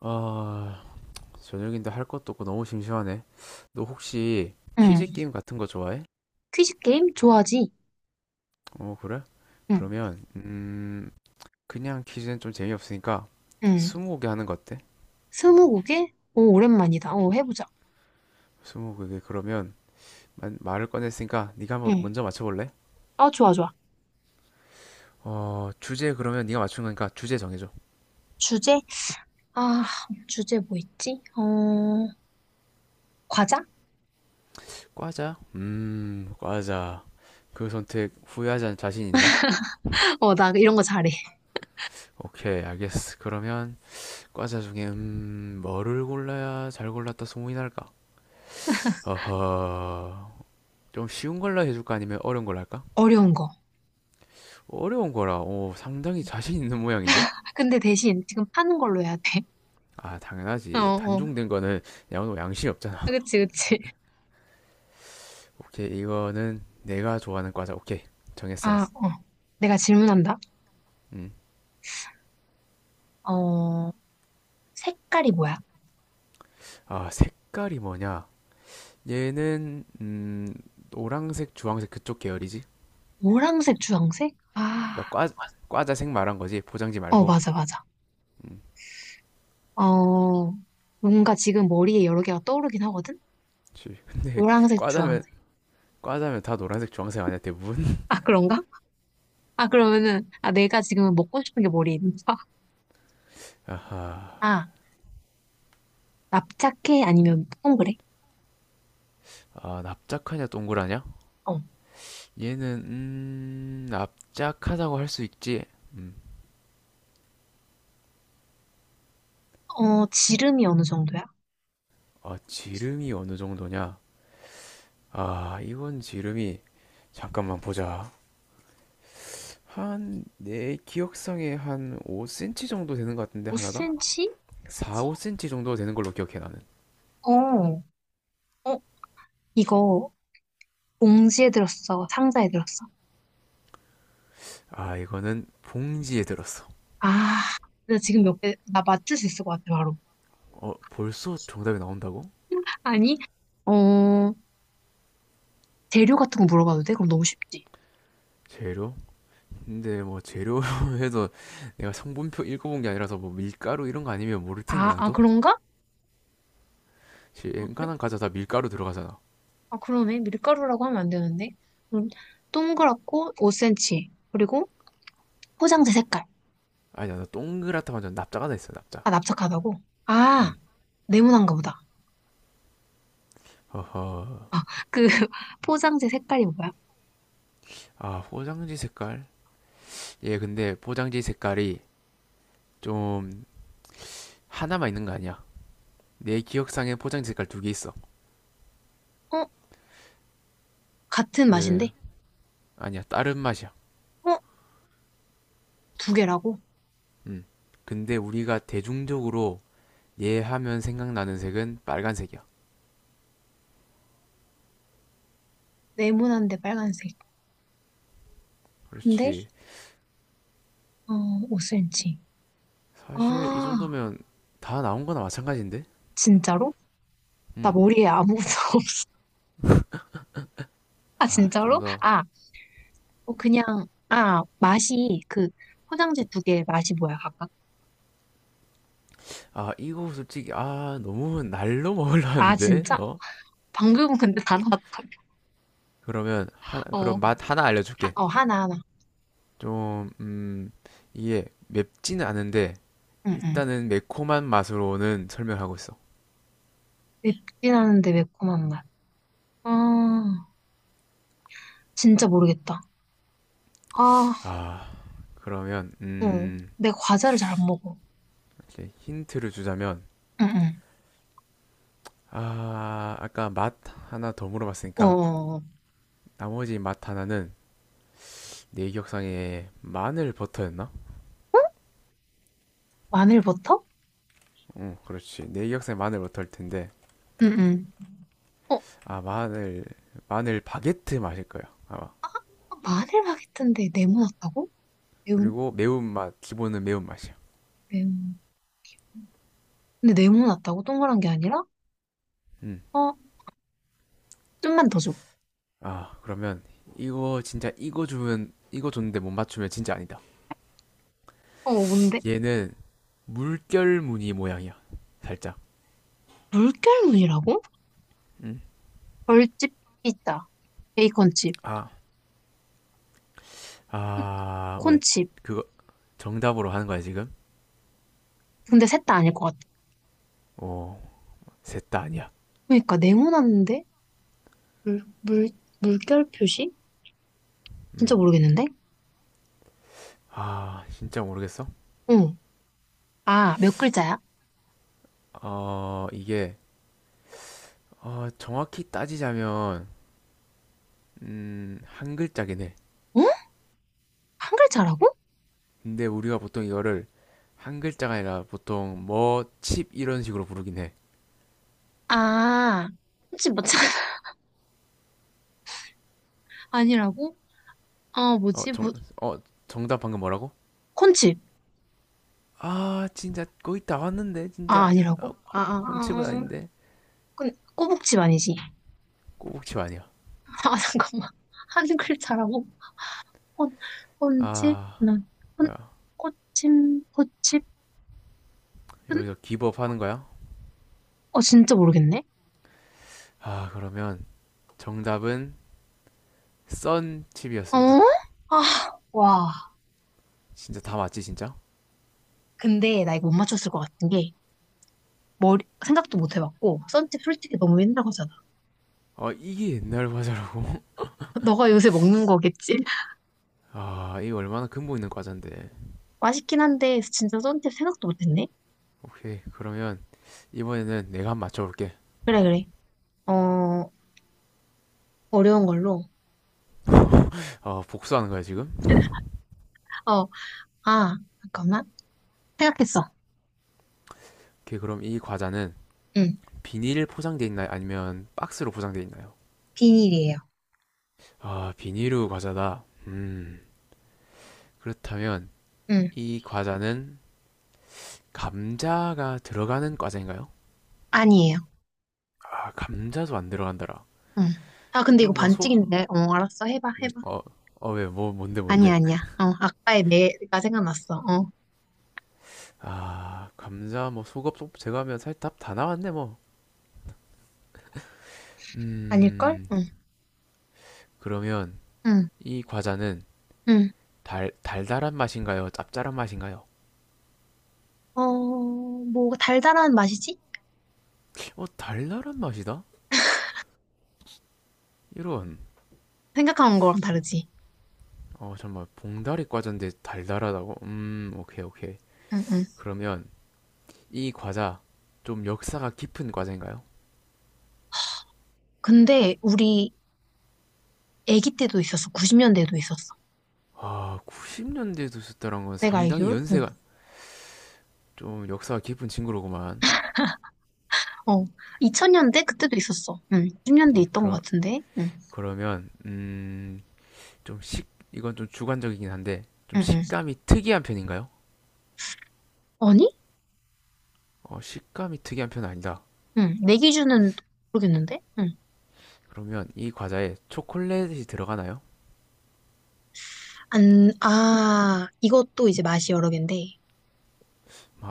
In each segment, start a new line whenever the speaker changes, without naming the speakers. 아, 저녁인데 할 것도 없고 너무 심심하네. 너 혹시
응.
퀴즈 게임 같은 거 좋아해?
퀴즈 게임 좋아하지?
어, 그래?
응.
그러면, 그냥 퀴즈는 좀 재미없으니까
응.
스무고개 하는 거 어때?
스무고개? 오, 오랜만이다. 오, 해보자.
스무고개 그러면 말을 꺼냈으니까 네가 한번
응.
먼저 맞춰볼래?
아, 좋아, 좋아.
어, 주제 그러면 네가 맞춘 거니까 주제 정해줘.
주제? 아, 주제 뭐 있지? 어, 과자?
과자? 과자. 그 선택 후회하지 않을 자신 있나?
어, 나 이런 거 잘해.
오케이, 알겠어. 그러면 과자 중에 뭐를 골라야 잘 골랐다 소문이 날까? 어허. 좀 쉬운 걸로 해줄까? 아니면 어려운 걸로 할까?
어려운 거.
어려운 거라, 오, 상당히 자신 있는 모양인데?
아, 근데 대신 지금 파는 걸로 해야 돼.
아,
어,
당연하지.
어.
단종된 거는 양호 양심이 없잖아.
아, 그치, 그치.
오케이, 이거는 내가 좋아하는 과자. 오케이, 정했어,
아,
나.
어. 내가 질문한다.
음.
어, 색깔이 뭐야?
아, 색깔이 뭐냐? 얘는, 노란색, 주황색 그쪽 계열이지?
노란색, 주황색? 아,
그러니까 과자색 말한 거지. 포장지
어,
말고.
맞아, 맞아. 어, 뭔가 지금 머리에 여러 개가 떠오르긴 하거든?
그치. 근데,
노란색,
과자면,
주황색.
과자면 다 노란색, 주황색 아니야, 대부분?
아, 그런가? 아, 그러면은, 아, 내가 지금 먹고 싶은 게 머리에 있는 거야?
아,
아, 납작해? 아니면 동그래?
납작하냐, 동그라냐?
어,
얘는 납작하다고 할 수 있지.
어, 지름이 어느 정도야?
아, 지름이 어느 정도냐? 아, 이건 지름이 잠깐만 보자. 한 내 기억상에 한 5cm 정도 되는 것 같은데 하나당?
5cm?
4, 5cm 정도 되는 걸로 기억해 나는.
어, 어, 이거 봉지에 들었어? 상자에 들었어?
아, 이거는 봉지에 들었어.
아, 나 지금 몇 개, 나 맞출 수 있을 것 같아, 바로.
어, 벌써 정답이 나온다고?
아니, 어, 재료 같은 거 물어봐도 돼? 그럼 너무 쉽지.
재료? 근데 뭐 재료 해도 내가 성분표 읽어본 게 아니라서 뭐 밀가루 이런 거 아니면 모를 텐데
아, 아,
나도.
그런가? 아, 그래?
웬간한 과자 다 밀가루 들어가잖아.
아, 그러네. 밀가루라고 하면 안 되는데. 음, 동그랗고 5cm. 그리고 포장재 색깔.
아니, 나 동그랗다 완전 납작 하나 있어 납작.
아, 납작하다고? 아,
음.
네모난가 보다.
허허.
아, 그 포장재 색깔이 뭐야?
아, 포장지 색깔. 얘 근데 포장지 색깔이 좀 하나만 있는 거 아니야. 내 기억상에 포장지 색깔 두 개 있어.
어, 같은
그래.
맛인데?
아니야, 다른 맛이야.
어, 두 개라고?
음. 근데 우리가 대중적으로 얘 하면 생각나는 색은 빨간색이야.
네모난데 빨간색. 근데
그렇지.
어, 5cm.
사실 이
아,
정도면 다 나온 거나 마찬가지인데.
진짜로? 나 머리에 아무것도 없어. 아,
음아좀
진짜로?
더.
아, 어, 그냥 아, 맛이 그 포장재 두 개 맛이 뭐야, 각각?
아, 이거 솔직히 아 너무 날로 먹으려
아,
하는데
진짜?
너.
방금 근데 다 나왔다.
그러면 하,
어,
그럼 맛 하나
하,
알려줄게.
어, 하나 하나.
좀, 이게 맵지는 않은데
응, 응.
일단은 매콤한 맛으로는 설명하고 있어.
맵진 않은데 매콤한 맛. 아, 진짜 모르겠다. 아,
아, 그러면
응. 내가 과자를 잘 안 먹어.
이제 힌트를 주자면
응응.
아, 아까 맛 하나 더
어,
물어봤으니까
어, 어.
나머지 맛 하나는 내 기억상에 마늘 버터였나?
마늘 버터?
응, 그렇지. 내 기억상에 마늘 버터일 텐데
응응. 어,
아, 마늘 바게트 맛일 거야 아마.
마늘 바게트인데 네모났다고? 매운,
그리고 매운맛 기본은 매운맛이야.
매운. 근데 네모났다고? 동그란 게 아니라?
음.
어, 좀만 더 줘.
아, 그러면 이거 줬는데 못 맞추면 진짜 아니다.
어, 뭔데?
얘는 물결 무늬 모양이야. 살짝.
물결무늬라고?
음.
벌집 피자, 베이컨칩,
아, 아, 뭐야?
콘칩.
그거 정답으로 하는 거야, 지금?
근데 셋 다 아닐 것 같아.
어, 셋다 아니야.
그러니까 네모났는데? 물, 물, 물결 표시? 진짜
음.
모르겠는데?
아, 진짜 모르겠어.
응. 아, 몇 글자야?
어, 이게 정확히 따지자면 한 글자긴 해.
어? 한 글자라고?
근데 우리가 보통 이거를 한 글자가 아니라 보통 뭐 칩 이런 식으로 부르긴 해.
아, 콘칩 뭐 아니라고? 아,
어,
뭐지?
정,
뭐,
어, 정답 방금 뭐라고?
콘칩.
아, 진짜 거의 다 왔는데
아,
진짜. 아,
아니라고? 아, 아,
콘칩은
아, 아.
아닌데
콘, 꼬북칩 아니지?
꼬북칩 아니야.
아, 잠깐만. 한 글자라고? 콘, 콘칩?
아,
난, 콘,
뭐야?
꽃침, 꽃칩? 은?
여기서 기법하는 거야?
어, 진짜 모르겠네?
아, 그러면 정답은
어?
썬칩이었습니다.
아, 와.
진짜 다 맞지 진짜?
근데 나 이거 못 맞췄을 것 같은 게, 머리, 생각도 못 해봤고, 썬팁 솔직히 너무 옛날 거잖아.
아, 이게 옛날 과자라고?
너가 요새 먹는 거겠지?
아, 이거 얼마나 근본 있는 과자인데.
맛있긴 한데, 진짜 썬팁 생각도 못 했네?
오케이, 그러면 이번에는 내가 한번 맞춰볼게.
그래, 그래. 어, 어려운 걸로.
어, 복수하는 거야 지금?
어, 아, 잠깐만. 생각했어.
오케이, 그럼 이 과자는
응.
비닐 포장돼 있나요? 아니면 박스로 포장돼 있나요?
비닐이에요.
아, 비닐우 과자다. 그렇다면
응.
이 과자는 감자가 들어가는 과자인가요?
아니에요.
아, 감자도 안 들어간다라.
응. 아, 근데 이거
이런 뭐 속,
반칙인데. 어, 알았어. 해봐, 해봐.
어, 어, 왜, 뭐, 뭔데,
아니야,
뭔데.
아니야. 어, 아까의 내가 생각났어. 어.
아, 감자, 뭐, 속업, 속, 제가 하면 살 답 다 나왔네, 뭐.
아닐걸?
음,
응.
그러면
응.
이 과자는
응.
달달한 맛인가요? 짭짤한 맛인가요?
어, 뭐, 달달한 맛이지?
어, 달달한 맛이다? 이런.
생각한 거랑 다르지.
어, 정말 봉다리 과자인데 달달하다고? 오케이, 오케이.
응, 응.
그러면 이 과자 좀 역사가 깊은 과자인가요?
근데 우리 아기 때도 있었어. 90년대에도 있었어.
아, 90년대에 두셨다는 건
내가
상당히
알기론? 응.
연세가 좀 역사가 깊은 친구로구만.
어. 2000년대? 그때도 있었어. 응. 90년대
이제
있던 것 같은데? 응.
그러면, 이건 좀 주관적이긴 한데, 좀
응, 응.
식감이 특이한 편인가요?
아니?
어, 식감이 특이한 편은 아니다.
응. 내 기준은 모르겠는데? 응.
그러면 이 과자에 초콜릿이 들어가나요?
안, 아, 이것도 이제 맛이 여러 개인데,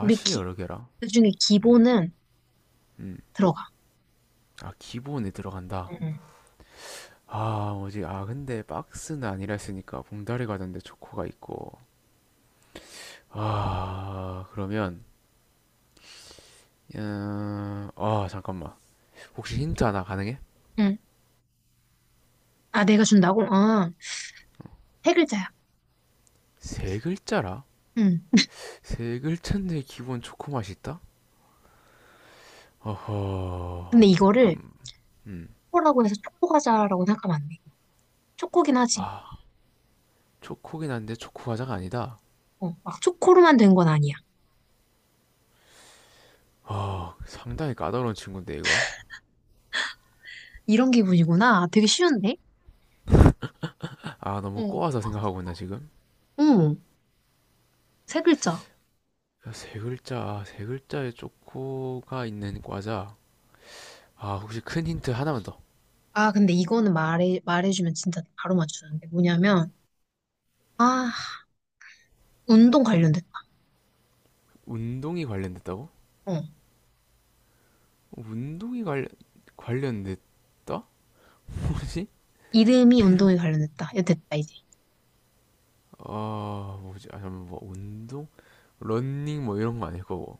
우리 기,
여러 개라.
그중에 기본은
음,
들어가.
아, 기본에 들어간다.
응, 응.
아, 뭐지? 아, 근데 박스는 아니라 했으니까 봉다리 과자인데 초코가 있고. 아, 그러면, 아, 잠깐만. 혹시 힌트 하나 가능해?
응. 아, 내가 준다고? 어, 세 글자야.
세 글자라?
응.
세 글자인데 기본 초코 맛이 있다?
근데
어허
이거를
잠깐. 음.
초코라고 해서 초코과자라고 생각하면 안 돼. 초코긴 하지.
초코긴 한데 초코 과자가 아니다.
어, 막 초코로만 된 건 아니야.
아 상당히 까다로운 친구인데 이거.
이런 기분이구나. 아, 되게 쉬운데?
아 너무
어.
꼬아서 생각하고 있나 지금.
응. 세 글자.
야, 세 글자에 초코가 있는 과자. 아 혹시 큰 힌트 하나만 더.
아, 근데 이거는 말해주면 진짜 바로 맞추는데. 뭐냐면, 아, 운동 관련됐다.
운동이 관련됐다고?
어.
운동이 관련됐다? 뭐지?
이름이 운동에 관련됐다. 이거 됐다, 이제.
아 뭐지? 아 잠깐 뭐 운동 런닝 뭐 이런 거 아닐 거고.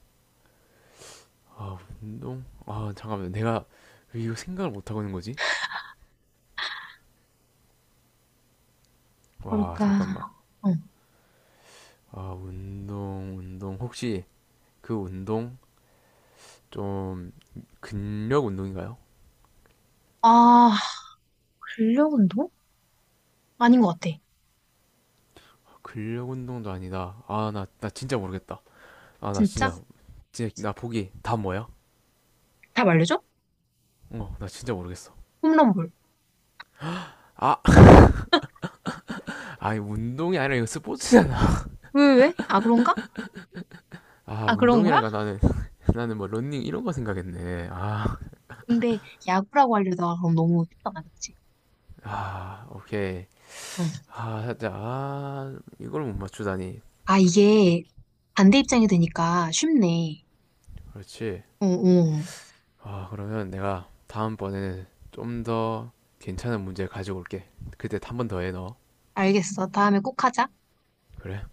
아, 운동? 아, 잠깐만. 내가 왜 이거 생각을 못 하고 있는 거지? 와,
뭘까?
잠깐만.
어.
아, 운동. 혹시 그 운동 좀 근력 운동인가요?
아, 근력 운동? 아닌 것 같아.
근력 운동도 아니다. 아, 나 진짜 모르겠다. 아,
진짜?
진짜, 나 보기 다 뭐야?
답 알려줘?
어, 나 진짜 모르겠어.
홈런볼.
아, 아니, 운동이 아니라 이거 스포츠잖아.
왜, 왜? 왜? 아, 그런가?
아,
아, 그런 거야?
운동이란가 나는, 나는 뭐 런닝 이런 거 생각했네. 아,
근데 야구라고 알려다가 그럼 너무 쉽잖아, 그치?
아, 오케이.
응.
아, 살짝, 아, 이걸 못 맞추다니.
아, 이게 반대 입장이 되니까 쉽네.
그렇지.
어, 어.
아, 그러면 내가 다음번에는 좀 더 괜찮은 문제 가지고 올게. 그때 한 번 더 해, 너.
알겠어. 다음에 꼭 하자.
그래?